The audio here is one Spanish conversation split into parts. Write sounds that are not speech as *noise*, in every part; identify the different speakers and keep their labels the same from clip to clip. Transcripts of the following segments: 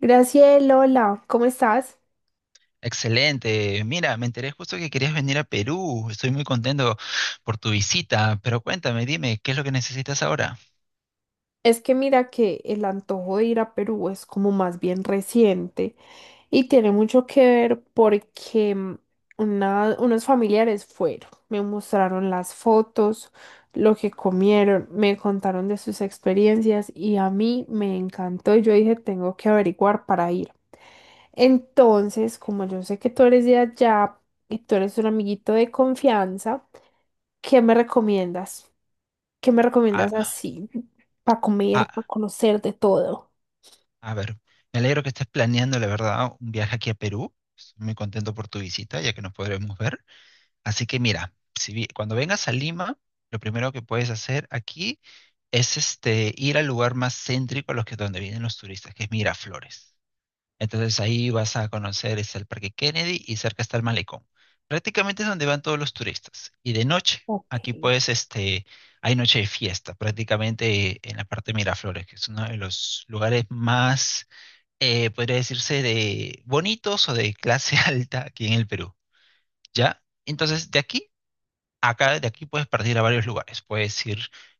Speaker 1: Graciela, hola, ¿cómo estás?
Speaker 2: Excelente. Mira, me enteré justo que querías venir a Perú. Estoy muy contento por tu visita, pero cuéntame, dime, ¿qué es lo que necesitas ahora?
Speaker 1: Es que mira que el antojo de ir a Perú es como más bien reciente. Y tiene mucho que ver porque unos familiares fueron, me mostraron las fotos, lo que comieron, me contaron de sus experiencias y a mí me encantó y yo dije, tengo que averiguar para ir. Entonces, como yo sé que tú eres de allá y tú eres un amiguito de confianza, ¿qué me recomiendas? ¿Qué me recomiendas
Speaker 2: Ah,
Speaker 1: así para comer, para
Speaker 2: ah,
Speaker 1: conocer de todo?
Speaker 2: a ver, me alegro que estés planeando, la verdad, un viaje aquí a Perú. Estoy muy contento por tu visita, ya que nos podremos ver. Así que mira, si, vi- cuando vengas a Lima, lo primero que puedes hacer aquí es ir al lugar más céntrico a los que donde vienen los turistas, que es Miraflores. Entonces ahí vas a conocer, es el Parque Kennedy y cerca está el Malecón. Prácticamente es donde van todos los turistas. Y de noche,
Speaker 1: Ok.
Speaker 2: aquí pues hay noche de fiesta, prácticamente en la parte de Miraflores, que es uno de los lugares más, podría decirse, de bonitos o de clase *laughs* alta aquí en el Perú. ¿Ya? Entonces, de aquí puedes partir a varios lugares. Puedes ir,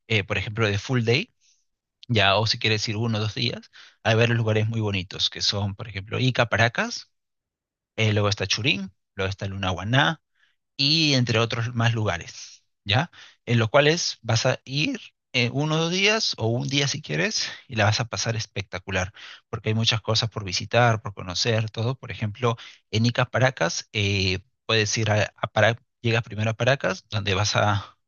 Speaker 2: por ejemplo, de full day, ya, o si quieres ir 1 o 2 días, hay varios lugares muy bonitos, que son, por ejemplo, Ica, Paracas, luego está Churín, luego está Lunahuaná y entre otros más lugares, ¿ya? En los cuales vas a ir 1 o 2 días o un día si quieres, y la vas a pasar espectacular, porque hay muchas cosas por visitar, por conocer, todo. Por ejemplo, en Ica Paracas, puedes ir a Para- llegas primero a Paracas, donde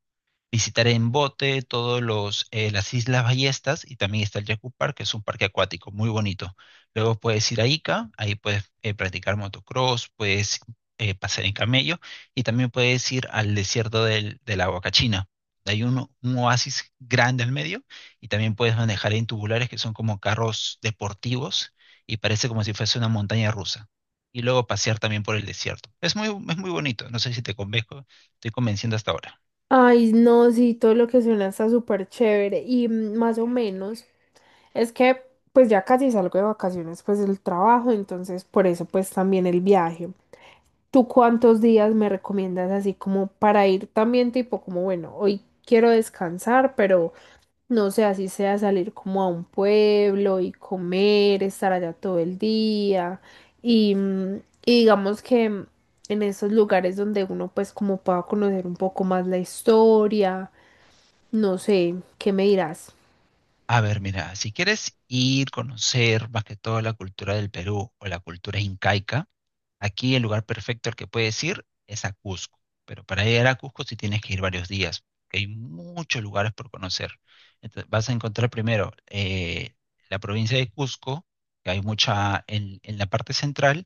Speaker 2: visitaré en bote todos los las Islas Ballestas, y también está el Yaku Park, que es un parque acuático muy bonito. Luego puedes ir a Ica, ahí puedes practicar motocross, puedes pasear en camello, y también puedes ir al desierto de la Huacachina. Hay un oasis grande al medio, y también puedes manejar en tubulares, que son como carros deportivos, y parece como si fuese una montaña rusa. Y luego pasear también por el desierto. Es muy bonito, no sé si te convenzo, estoy convenciendo hasta ahora.
Speaker 1: Ay, no, sí, todo lo que suena está súper chévere y, más o menos es que pues ya casi salgo de vacaciones pues del trabajo, entonces por eso pues también el viaje. ¿Tú cuántos días me recomiendas así como para ir también tipo como bueno, hoy quiero descansar, pero no sé, así sea salir como a un pueblo y comer, estar allá todo el día y, mm, y digamos que, en esos lugares donde uno pues como pueda conocer un poco más la historia, no sé, ¿qué me dirás?
Speaker 2: A ver, mira, si quieres ir, conocer más que todo la cultura del Perú o la cultura incaica, aquí el lugar perfecto al que puedes ir es a Cusco, pero para llegar a Cusco sí tienes que ir varios días, porque hay muchos lugares por conocer. Entonces, vas a encontrar primero la provincia de Cusco, que en la parte central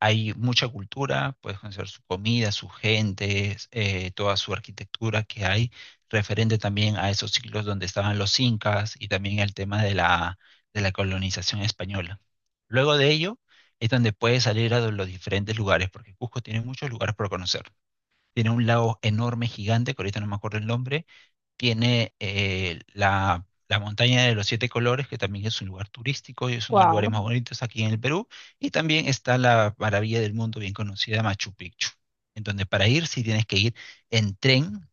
Speaker 2: hay mucha cultura, puedes conocer su comida, su gente, toda su arquitectura que hay, referente también a esos siglos donde estaban los incas, y también el tema de la colonización española. Luego de ello es donde puedes salir a los diferentes lugares, porque Cusco tiene muchos lugares por conocer. Tiene un lago enorme, gigante, que ahorita no me acuerdo el nombre. Tiene la montaña de los siete colores, que también es un lugar turístico y es uno de los lugares más
Speaker 1: Wow.
Speaker 2: bonitos aquí en el Perú. Y también está la maravilla del mundo bien conocida, Machu Picchu, en donde para ir sí tienes que ir en tren,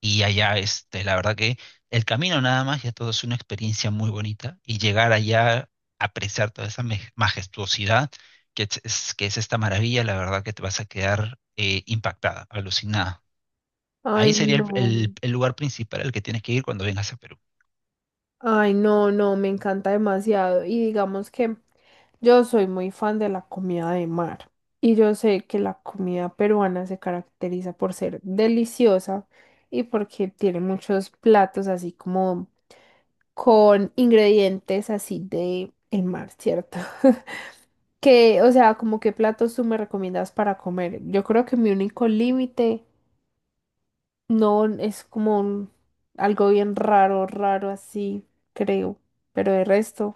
Speaker 2: y allá, la verdad que el camino nada más ya todo es una experiencia muy bonita, y llegar allá, apreciar toda esa majestuosidad que es esta maravilla, la verdad que te vas a quedar impactada, alucinada.
Speaker 1: Ay,
Speaker 2: Ahí sería el,
Speaker 1: no.
Speaker 2: el- el lugar principal al que tienes que ir cuando vengas a Perú.
Speaker 1: Ay, no, no, me encanta demasiado. Y digamos que yo soy muy fan de la comida de mar. Y yo sé que la comida peruana se caracteriza por ser deliciosa y porque tiene muchos platos así como con ingredientes así de el mar, ¿cierto? *laughs* Que, o sea, como qué platos tú me recomiendas para comer. Yo creo que mi único límite no, es como algo bien raro, raro así, creo. Pero de resto,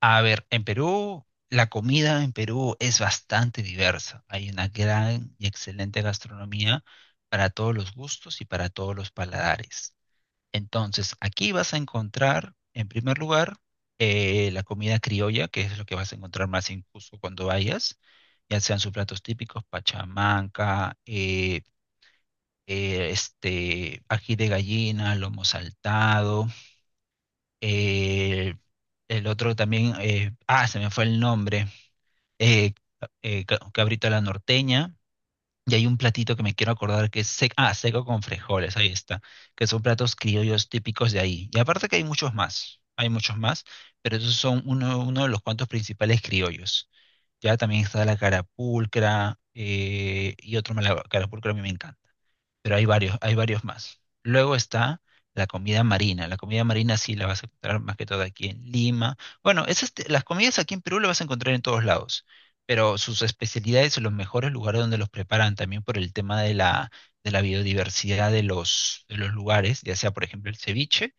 Speaker 2: A ver, en Perú, la comida en Perú es bastante diversa. Hay una gran y excelente gastronomía para todos los gustos y para todos los paladares. Entonces, aquí vas a encontrar, en primer lugar, la comida criolla, que es lo que vas a encontrar más incluso cuando vayas, ya sean sus platos típicos, pachamanca, ají de gallina, lomo saltado, eh, el otro también, se me fue el nombre, eh, cabrito a la norteña, y hay un platito que me quiero acordar que es seco con frijoles, ahí está, que son platos criollos típicos de ahí. Y aparte que hay muchos más, pero esos son uno de los cuantos principales criollos. Ya también está la carapulcra, y otro más, la carapulcra a mí me encanta, pero hay varios más. Luego está la comida marina. La comida marina sí la vas a encontrar más que todo aquí en Lima. Bueno, las comidas aquí en Perú las vas a encontrar en todos lados, pero sus especialidades y los mejores lugares donde los preparan, también por el tema de la biodiversidad de los lugares, ya sea por ejemplo el ceviche,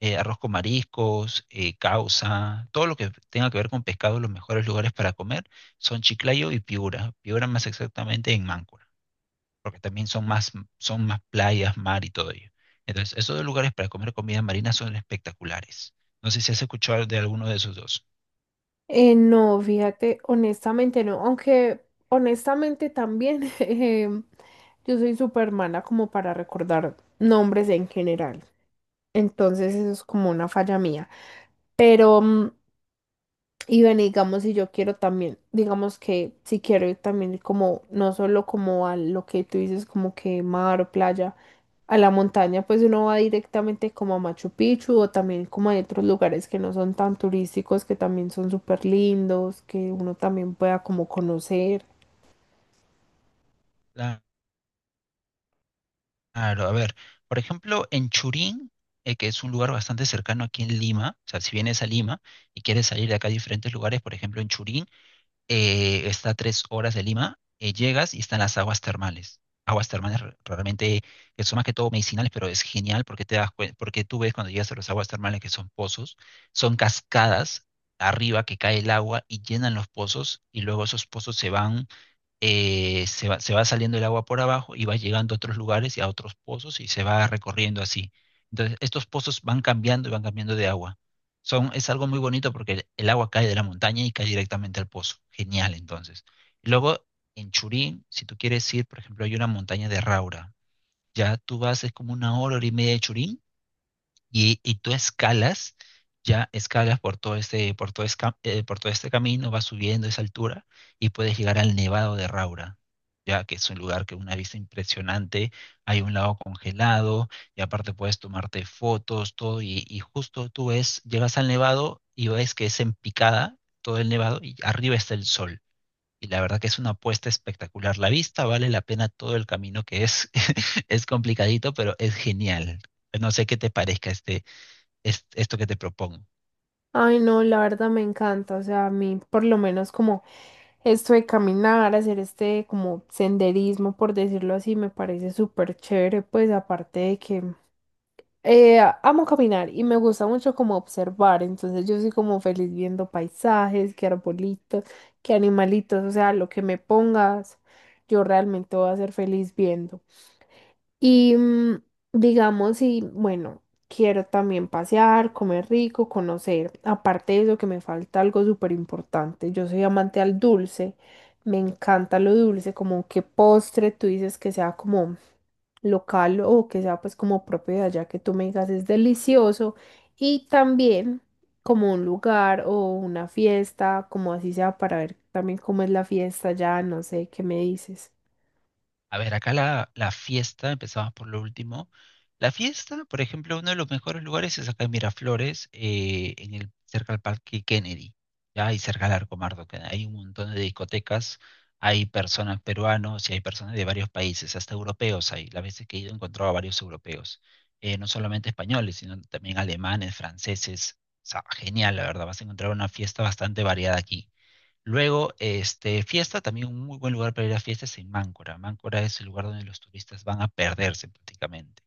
Speaker 2: arroz con mariscos, causa, todo lo que tenga que ver con pescado, los mejores lugares para comer son Chiclayo y Piura. Piura más exactamente en Máncora, porque también son más playas, mar y todo ello. Entonces, esos dos lugares para comer comida marina son espectaculares. No sé si has escuchado de alguno de esos dos.
Speaker 1: no, fíjate, honestamente no. Aunque honestamente también *laughs* yo soy súper mala como para recordar nombres en general. Entonces eso es como una falla mía. Pero mm, Y bueno, digamos, si yo quiero también, digamos que si quiero ir también como, no solo como a lo que tú dices, como que mar o playa, a la montaña, pues uno va directamente como a Machu Picchu o también como a otros lugares que no son tan turísticos, que también son súper lindos, que uno también pueda como conocer.
Speaker 2: Claro, a ver, por ejemplo, en Churín, que es un lugar bastante cercano aquí en Lima, o sea, si vienes a Lima y quieres salir de acá a diferentes lugares, por ejemplo, en Churín, está a 3 horas de Lima, llegas y están las aguas termales. Aguas termales realmente que son más que todo medicinales, pero es genial porque te das cuen- porque tú ves cuando llegas a las aguas termales que son pozos, son cascadas arriba que cae el agua y llenan los pozos, y luego esos pozos se va saliendo el agua por abajo y va llegando a otros lugares y a otros pozos, y se va recorriendo así. Entonces, estos pozos van cambiando y van cambiando de agua. Es algo muy bonito porque el agua cae de la montaña y cae directamente al pozo. Genial, entonces. Luego, en Churín, si tú quieres ir, por ejemplo, hay una montaña de Raura. Ya tú vas, es como 1 hora, hora y media de Churín, y tú escalas, ya escalas por todo este, por todo esca- por todo este camino, vas subiendo esa altura, y puedes llegar al Nevado de Raura, ya que es un lugar que una vista impresionante, hay un lago congelado, y aparte puedes tomarte fotos, todo, y justo tú ves, llegas al Nevado y ves que es en picada todo el Nevado, y arriba está el sol. Y la verdad que es una apuesta espectacular. La vista vale la pena todo el camino que es, *laughs* es complicadito, pero es genial. No sé qué te parezca esto que te propongo.
Speaker 1: Ay, no, la verdad me encanta, o sea, a mí por lo menos como esto de caminar, hacer este como senderismo, por decirlo así, me parece súper chévere, pues aparte de que eh, amo caminar y me gusta mucho como observar, entonces yo soy como feliz viendo paisajes, qué arbolitos, qué animalitos, o sea, lo que me pongas, yo realmente voy a ser feliz viendo. Y mm, digamos, y bueno, quiero también pasear, comer rico, conocer. Aparte de eso, que me falta algo súper importante. Yo soy amante al dulce. Me encanta lo dulce, como qué postre tú dices que sea como local o que sea pues como propio de allá que tú me digas es delicioso y también como un lugar o una fiesta, como así sea para ver también cómo es la fiesta ya, no sé, ¿qué me dices?
Speaker 2: A ver, acá la fiesta, empezamos por lo último. La fiesta, por ejemplo, uno de los mejores lugares es acá en Miraflores, cerca al Parque Kennedy, ¿ya? Y cerca al Arco Mardo, que hay un montón de discotecas, hay personas peruanos y hay personas de varios países, hasta europeos hay. Las veces que he ido he encontrado a varios europeos, no solamente españoles, sino también alemanes, franceses. O sea, genial, la verdad, vas a encontrar una fiesta bastante variada aquí. Luego, fiesta, también un muy buen lugar para ir a fiestas en Máncora. Máncora es el lugar donde los turistas van a perderse prácticamente,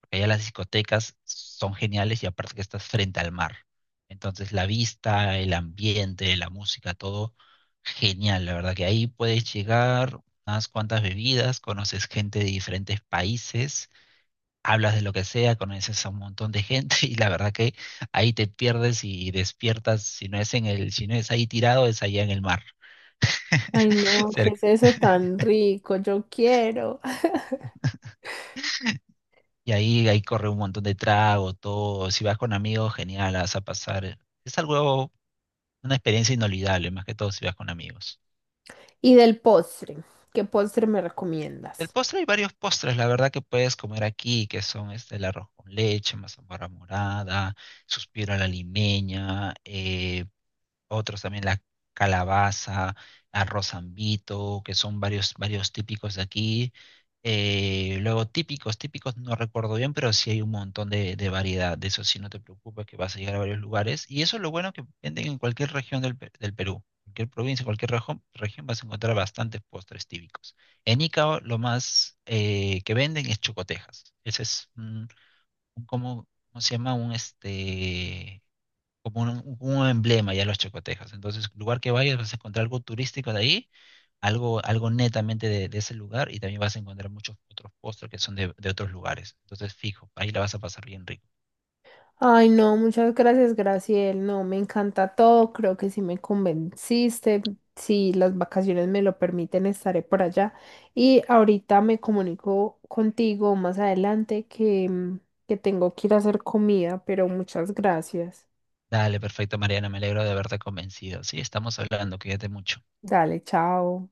Speaker 2: porque allá las discotecas son geniales, y aparte que estás frente al mar. Entonces, la vista, el ambiente, la música, todo genial. La verdad que ahí puedes llegar unas cuantas bebidas, conoces gente de diferentes países, hablas de lo que sea, conoces a un montón de gente *laughs* y la verdad que ahí te pierdes y despiertas, si no es ahí tirado, es allá en el mar.
Speaker 1: Ay,
Speaker 2: *laughs*
Speaker 1: no, ¿qué
Speaker 2: Cerca.
Speaker 1: es eso tan rico? Yo quiero.
Speaker 2: Y ahí corre un montón de trago, todo. Si vas con amigos, genial, la vas a pasar. Es algo, una experiencia inolvidable, más que todo si vas con amigos.
Speaker 1: Y del postre, ¿qué postre me
Speaker 2: El
Speaker 1: recomiendas?
Speaker 2: postre, hay varios postres, la verdad, que puedes comer aquí, que son el arroz con leche, mazamorra morada, suspiro a la limeña, otros también la calabaza, arroz ambito, que son varios, varios típicos de aquí. Luego típicos, no recuerdo bien, pero sí hay un montón de variedad. De eso sí no te preocupes que vas a llegar a varios lugares. Y eso es lo bueno que venden en cualquier región del Perú. Cualquier provincia, cualquier región vas a encontrar bastantes postres típicos. En Icao lo más que venden es chocotejas. Ese es un como, ¿cómo se llama? Un como un emblema ya los chacotejos. Entonces, lugar que vayas vas a encontrar algo turístico de ahí, algo netamente de ese lugar, y también vas a encontrar muchos otros postres que son de otros lugares. Entonces, fijo, ahí la vas a pasar bien rico.
Speaker 1: Ay, no, muchas gracias, Graciel. No, me encanta todo. Creo que sí me convenciste. Si las vacaciones me lo permiten, estaré por allá. Y ahorita me comunico contigo más adelante que, que tengo que ir a hacer comida, pero muchas gracias.
Speaker 2: Dale, perfecto, Mariana, me alegro de haberte convencido. Sí, estamos hablando, cuídate mucho.
Speaker 1: Dale, chao.